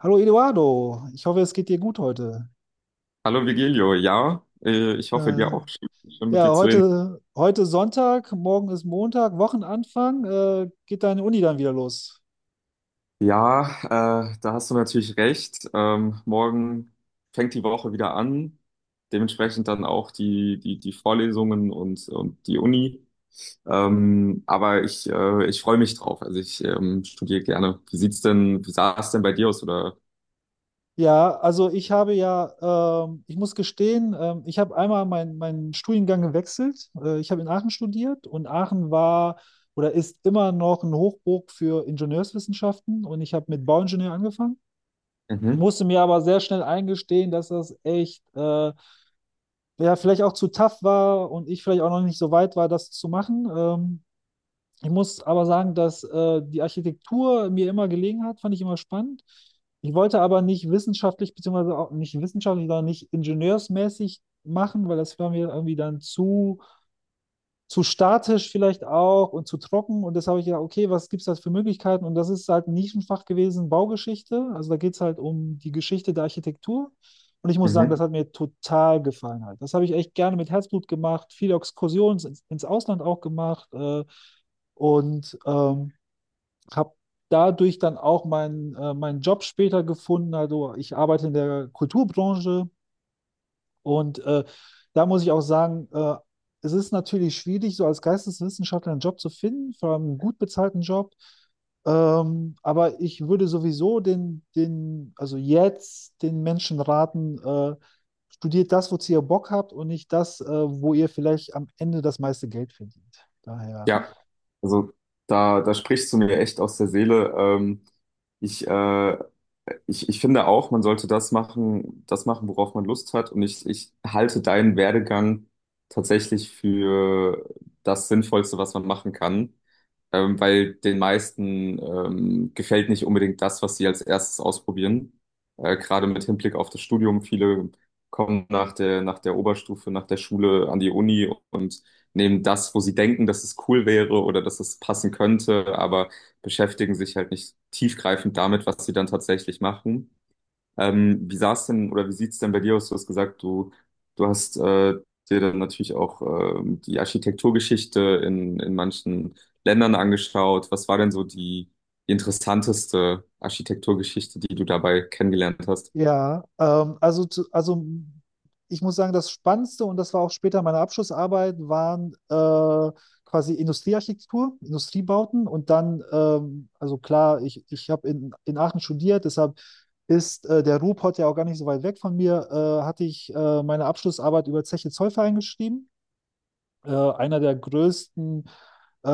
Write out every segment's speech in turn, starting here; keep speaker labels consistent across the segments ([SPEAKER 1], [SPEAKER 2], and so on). [SPEAKER 1] Hallo Eduardo, ich hoffe, es geht dir gut heute.
[SPEAKER 2] Hallo Vigilio, ja, ich hoffe
[SPEAKER 1] Äh,
[SPEAKER 2] dir auch. Schön, schön mit
[SPEAKER 1] ja,
[SPEAKER 2] dir zu reden.
[SPEAKER 1] heute, heute Sonntag, morgen ist Montag, Wochenanfang. Geht deine Uni dann wieder los?
[SPEAKER 2] Ja, da hast du natürlich recht. Morgen fängt die Woche wieder an. Dementsprechend dann auch die Vorlesungen und die Uni. Aber ich freue mich drauf. Also ich studiere gerne. Wie sah es denn bei dir aus? Oder?
[SPEAKER 1] Ja, also ich muss gestehen, ich habe einmal meinen Studiengang gewechselt. Ich habe in Aachen studiert und Aachen war oder ist immer noch ein Hochburg für Ingenieurswissenschaften, und ich habe mit Bauingenieur angefangen,
[SPEAKER 2] Mhm.
[SPEAKER 1] musste mir aber sehr schnell eingestehen, dass das echt ja, vielleicht auch zu tough war und ich vielleicht auch noch nicht so weit war, das zu machen. Ich muss aber sagen, dass die Architektur mir immer gelegen hat, fand ich immer spannend. Ich wollte aber nicht wissenschaftlich, beziehungsweise auch nicht wissenschaftlich, sondern nicht ingenieursmäßig machen, weil das war mir irgendwie dann zu statisch vielleicht auch und zu trocken. Und das habe ich ja, okay, was gibt es da für Möglichkeiten? Und das ist halt ein Nischenfach gewesen, Baugeschichte. Also da geht es halt um die Geschichte der Architektur. Und ich muss sagen,
[SPEAKER 2] Mhm.
[SPEAKER 1] das hat mir total gefallen halt. Das habe ich echt gerne mit Herzblut gemacht, viele Exkursionen ins Ausland auch gemacht, und habe dadurch dann auch meinen Job später gefunden. Also ich arbeite in der Kulturbranche, und da muss ich auch sagen, es ist natürlich schwierig, so als Geisteswissenschaftler einen Job zu finden, vor allem einen gut bezahlten Job. Aber ich würde sowieso also jetzt den Menschen raten, studiert das, wozu ihr Bock habt, und nicht das, wo ihr vielleicht am Ende das meiste Geld verdient. Daher.
[SPEAKER 2] Ja, also da sprichst du mir echt aus der Seele. Ich, äh, ich finde auch, man sollte das machen, worauf man Lust hat. Und ich halte deinen Werdegang tatsächlich für das Sinnvollste, was man machen kann. Weil den meisten gefällt nicht unbedingt das, was sie als erstes ausprobieren. Gerade mit Hinblick auf das Studium. Viele kommen nach der Oberstufe, nach der Schule an die Uni und nehmen das, wo sie denken, dass es cool wäre oder dass es passen könnte, aber beschäftigen sich halt nicht tiefgreifend damit, was sie dann tatsächlich machen. Wie sah's denn oder wie sieht's denn bei dir aus? Du hast gesagt, du hast dir dann natürlich auch die Architekturgeschichte in manchen Ländern angeschaut. Was war denn so die interessanteste Architekturgeschichte, die du dabei kennengelernt hast?
[SPEAKER 1] Ja, also, also ich muss sagen, das Spannendste, und das war auch später meine Abschlussarbeit, waren quasi Industriearchitektur, Industriebauten, und dann, also klar, ich habe in Aachen studiert, deshalb ist der Ruhrpott ja auch gar nicht so weit weg von mir, hatte ich meine Abschlussarbeit über Zeche Zollverein geschrieben, einer der größten äh,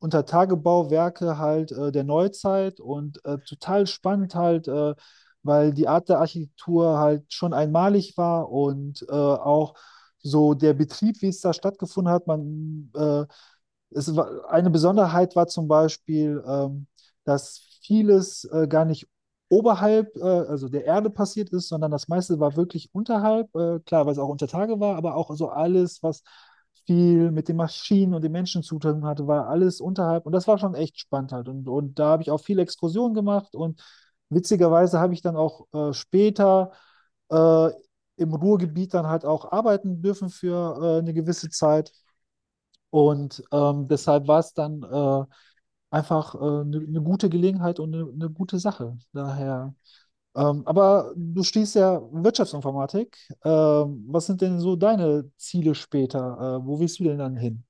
[SPEAKER 1] Untertagebauwerke halt der Neuzeit, und total spannend halt, weil die Art der Architektur halt schon einmalig war, und auch so der Betrieb, wie es da stattgefunden hat. Man Es war, eine Besonderheit war zum Beispiel, dass vieles gar nicht oberhalb, also der Erde passiert ist, sondern das meiste war wirklich unterhalb. Klar, weil es auch unter Tage war, aber auch so alles, was viel mit den Maschinen und den Menschen zu tun hatte, war alles unterhalb. Und das war schon echt spannend halt. Und da habe ich auch viele Exkursionen gemacht, und witzigerweise habe ich dann auch später äh, im Ruhrgebiet dann halt auch arbeiten dürfen für eine gewisse Zeit. Und deshalb war es dann einfach eine gute Gelegenheit und eine gute Sache. Daher. Aber du stehst ja Wirtschaftsinformatik. Was sind denn so deine Ziele später? Wo willst du denn dann hin?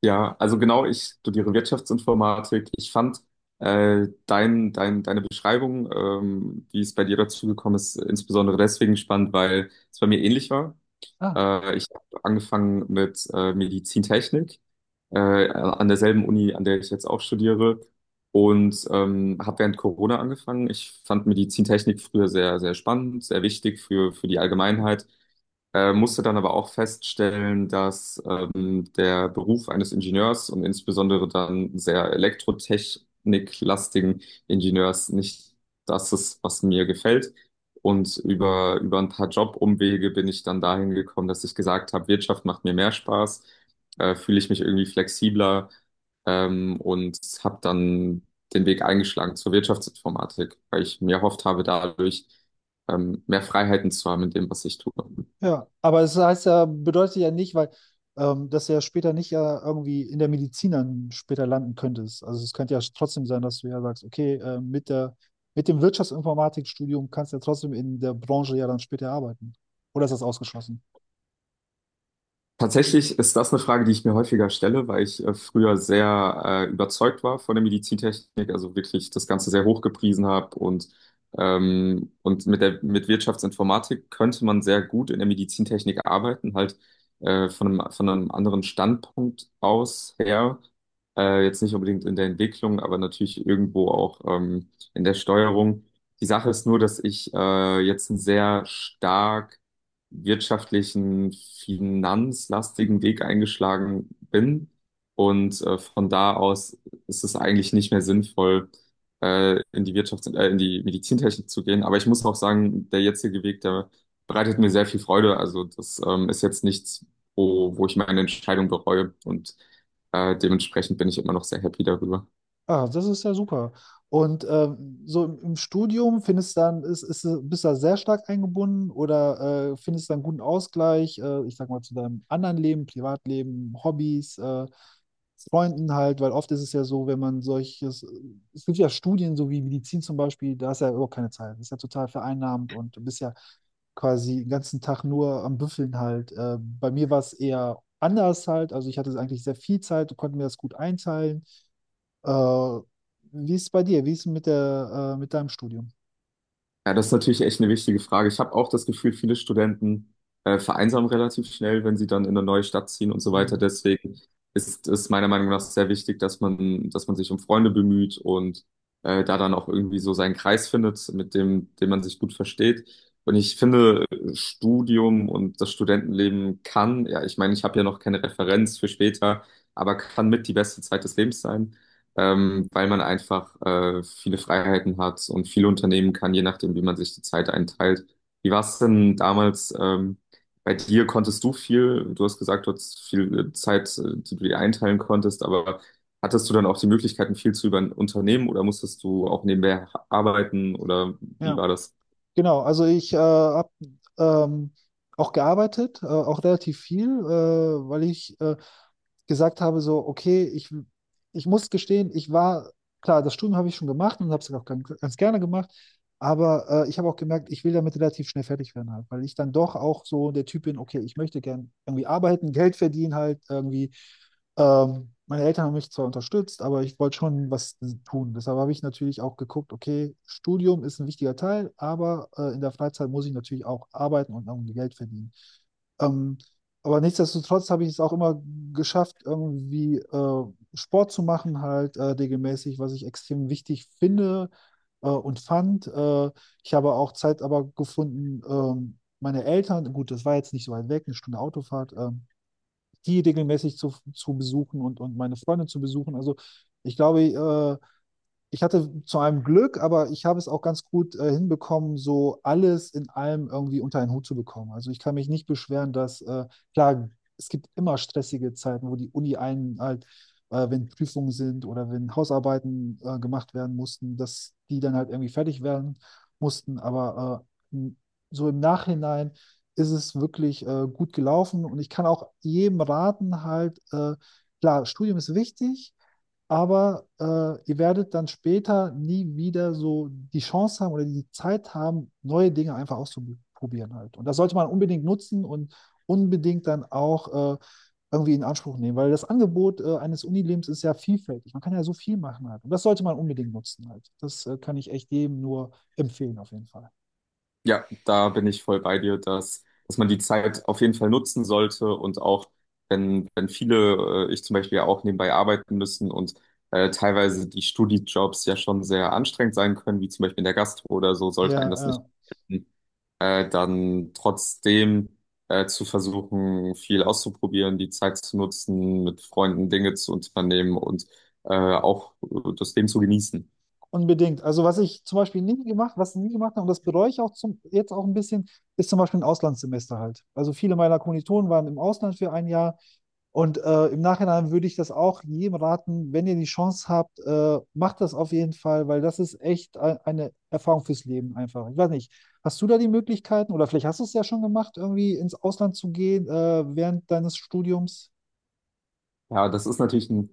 [SPEAKER 2] Ja, also genau, ich studiere Wirtschaftsinformatik. Ich fand deine Beschreibung, wie es bei dir dazu gekommen ist, insbesondere deswegen spannend, weil es bei mir ähnlich war.
[SPEAKER 1] Ah.
[SPEAKER 2] Ich habe angefangen mit Medizintechnik an derselben Uni, an der ich jetzt auch studiere und habe während Corona angefangen. Ich fand Medizintechnik früher sehr, sehr spannend, sehr wichtig für die Allgemeinheit. Musste dann aber auch feststellen, dass der Beruf eines Ingenieurs und insbesondere dann sehr elektrotechniklastigen Ingenieurs nicht das ist, was mir gefällt. Und über ein paar Jobumwege bin ich dann dahin gekommen, dass ich gesagt habe, Wirtschaft macht mir mehr Spaß, fühle ich mich irgendwie flexibler und habe dann den Weg eingeschlagen zur Wirtschaftsinformatik, weil ich mir erhofft habe, dadurch mehr Freiheiten zu haben in dem, was ich tue.
[SPEAKER 1] Ja, aber es heißt ja, bedeutet ja nicht, weil dass du ja später nicht ja irgendwie in der Medizin dann später landen könntest. Also es könnte ja trotzdem sein, dass du ja sagst, okay, mit dem Wirtschaftsinformatikstudium kannst du ja trotzdem in der Branche ja dann später arbeiten. Oder ist das ausgeschlossen?
[SPEAKER 2] Tatsächlich ist das eine Frage, die ich mir häufiger stelle, weil ich früher sehr überzeugt war von der Medizintechnik, also wirklich das Ganze sehr hoch gepriesen habe und und mit Wirtschaftsinformatik könnte man sehr gut in der Medizintechnik arbeiten, halt von einem anderen Standpunkt aus her, jetzt nicht unbedingt in der Entwicklung, aber natürlich irgendwo auch in der Steuerung. Die Sache ist nur, dass ich jetzt einen sehr stark wirtschaftlichen, finanzlastigen Weg eingeschlagen bin. Und von da aus ist es eigentlich nicht mehr sinnvoll, in die Medizintechnik zu gehen. Aber ich muss auch sagen, der jetzige Weg, der bereitet mir sehr viel Freude. Also das ist jetzt nichts, wo ich meine Entscheidung bereue. Und dementsprechend bin ich immer noch sehr happy darüber.
[SPEAKER 1] Ah, das ist ja super. Und so im Studium findest du dann, bist du da sehr stark eingebunden oder findest du einen guten Ausgleich, ich sag mal, zu deinem anderen Leben, Privatleben, Hobbys, Freunden halt, weil oft ist es ja so, wenn man solches, es gibt ja Studien, so wie Medizin zum Beispiel, da ist ja überhaupt keine Zeit, das ist ja total vereinnahmend, und du bist ja quasi den ganzen Tag nur am Büffeln halt. Bei mir war es eher anders halt, also ich hatte eigentlich sehr viel Zeit, konnte mir das gut einteilen, äh, wie ist es bei dir? Wie ist es mit mit deinem Studium?
[SPEAKER 2] Ja, das ist natürlich echt eine wichtige Frage. Ich habe auch das Gefühl, viele Studenten vereinsamen relativ schnell, wenn sie dann in eine neue Stadt ziehen und so weiter.
[SPEAKER 1] Hm.
[SPEAKER 2] Deswegen ist es meiner Meinung nach sehr wichtig, dass man sich um Freunde bemüht und da dann auch irgendwie so seinen Kreis findet, mit dem man sich gut versteht. Und ich finde, Studium und das Studentenleben kann, ja, ich meine, ich habe ja noch keine Referenz für später, aber kann mit die beste Zeit des Lebens sein weil man einfach viele Freiheiten hat und viel unternehmen kann, je nachdem, wie man sich die Zeit einteilt. Wie war es denn damals bei dir? Konntest du viel? Du hast gesagt, du hattest viel Zeit, die du dir einteilen konntest, aber hattest du dann auch die Möglichkeiten, viel zu über ein Unternehmen oder musstest du auch nebenbei arbeiten oder wie
[SPEAKER 1] Ja,
[SPEAKER 2] war das?
[SPEAKER 1] genau. Also ich habe ähm, auch gearbeitet, auch relativ viel, weil ich gesagt habe, so, okay, ich muss gestehen, ich war, klar, das Studium habe ich schon gemacht und habe es auch ganz gerne gemacht, aber ich habe auch gemerkt, ich will damit relativ schnell fertig werden halt, weil ich dann doch auch so der Typ bin, okay, ich möchte gern irgendwie arbeiten, Geld verdienen halt irgendwie. Meine Eltern haben mich zwar unterstützt, aber ich wollte schon was tun. Deshalb habe ich natürlich auch geguckt, okay, Studium ist ein wichtiger Teil, aber in der Freizeit muss ich natürlich auch arbeiten und irgendwie Geld verdienen. Ähm, aber nichtsdestotrotz habe ich es auch immer geschafft, irgendwie Sport zu machen, halt regelmäßig, was ich extrem wichtig finde und fand. Ich habe auch Zeit aber gefunden, meine Eltern, gut, das war jetzt nicht so weit weg, eine Stunde Autofahrt, die regelmäßig zu besuchen und meine Freunde zu besuchen. Also ich glaube, ich hatte zu einem Glück, aber ich habe es auch ganz gut hinbekommen, so alles in allem irgendwie unter einen Hut zu bekommen. Also ich kann mich nicht beschweren, dass, klar, es gibt immer stressige Zeiten, wo die Uni einen halt, wenn Prüfungen sind oder wenn Hausarbeiten gemacht werden mussten, dass die dann halt irgendwie fertig werden mussten. Aber äh, m- so im Nachhinein ist es wirklich gut gelaufen, und ich kann auch jedem raten, halt, klar, Studium ist wichtig, aber ihr werdet dann später nie wieder so die Chance haben oder die Zeit haben, neue Dinge einfach auszuprobieren halt. Und das sollte man unbedingt nutzen und unbedingt dann auch irgendwie in Anspruch nehmen, weil das Angebot eines Unilebens ist ja vielfältig. Man kann ja so viel machen halt. Und das sollte man unbedingt nutzen halt. Das kann ich echt jedem nur empfehlen auf jeden Fall.
[SPEAKER 2] Ja, da bin ich voll bei dir, dass man die Zeit auf jeden Fall nutzen sollte und auch, wenn viele, ich zum Beispiel ja auch nebenbei arbeiten müssen und teilweise die Studijobs ja schon sehr anstrengend sein können, wie zum Beispiel in der Gastro oder so, sollte
[SPEAKER 1] Ja,
[SPEAKER 2] einen das nicht
[SPEAKER 1] ja.
[SPEAKER 2] abhalten, dann trotzdem zu versuchen, viel auszuprobieren, die Zeit zu nutzen, mit Freunden Dinge zu unternehmen und auch das Leben zu genießen.
[SPEAKER 1] Unbedingt. Also was ich zum Beispiel nie gemacht, was ich nie gemacht habe, und das bereue ich auch jetzt auch ein bisschen, ist zum Beispiel ein Auslandssemester halt. Also viele meiner Kommilitonen waren im Ausland für ein Jahr, und im Nachhinein würde ich das auch jedem raten, wenn ihr die Chance habt, macht das auf jeden Fall, weil das ist echt eine Erfahrung fürs Leben einfach. Ich weiß nicht, hast du da die Möglichkeiten, oder vielleicht hast du es ja schon gemacht, irgendwie ins Ausland zu gehen während deines Studiums?
[SPEAKER 2] Ja, das ist natürlich ein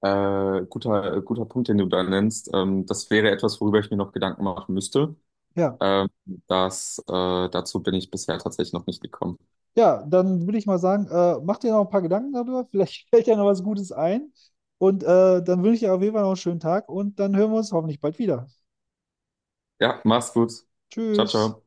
[SPEAKER 2] guter Punkt, den du da nennst. Das wäre etwas, worüber ich mir noch Gedanken machen müsste.
[SPEAKER 1] Ja.
[SPEAKER 2] Ähm, das, äh, Dazu bin ich bisher tatsächlich noch nicht gekommen.
[SPEAKER 1] Ja, dann würde ich mal sagen, mach dir noch ein paar Gedanken darüber. Vielleicht fällt dir noch was Gutes ein. Und dann wünsche ich dir auf jeden Fall noch einen schönen Tag, und dann hören wir uns hoffentlich bald wieder.
[SPEAKER 2] Ja, mach's gut. Ciao,
[SPEAKER 1] Tschüss.
[SPEAKER 2] ciao.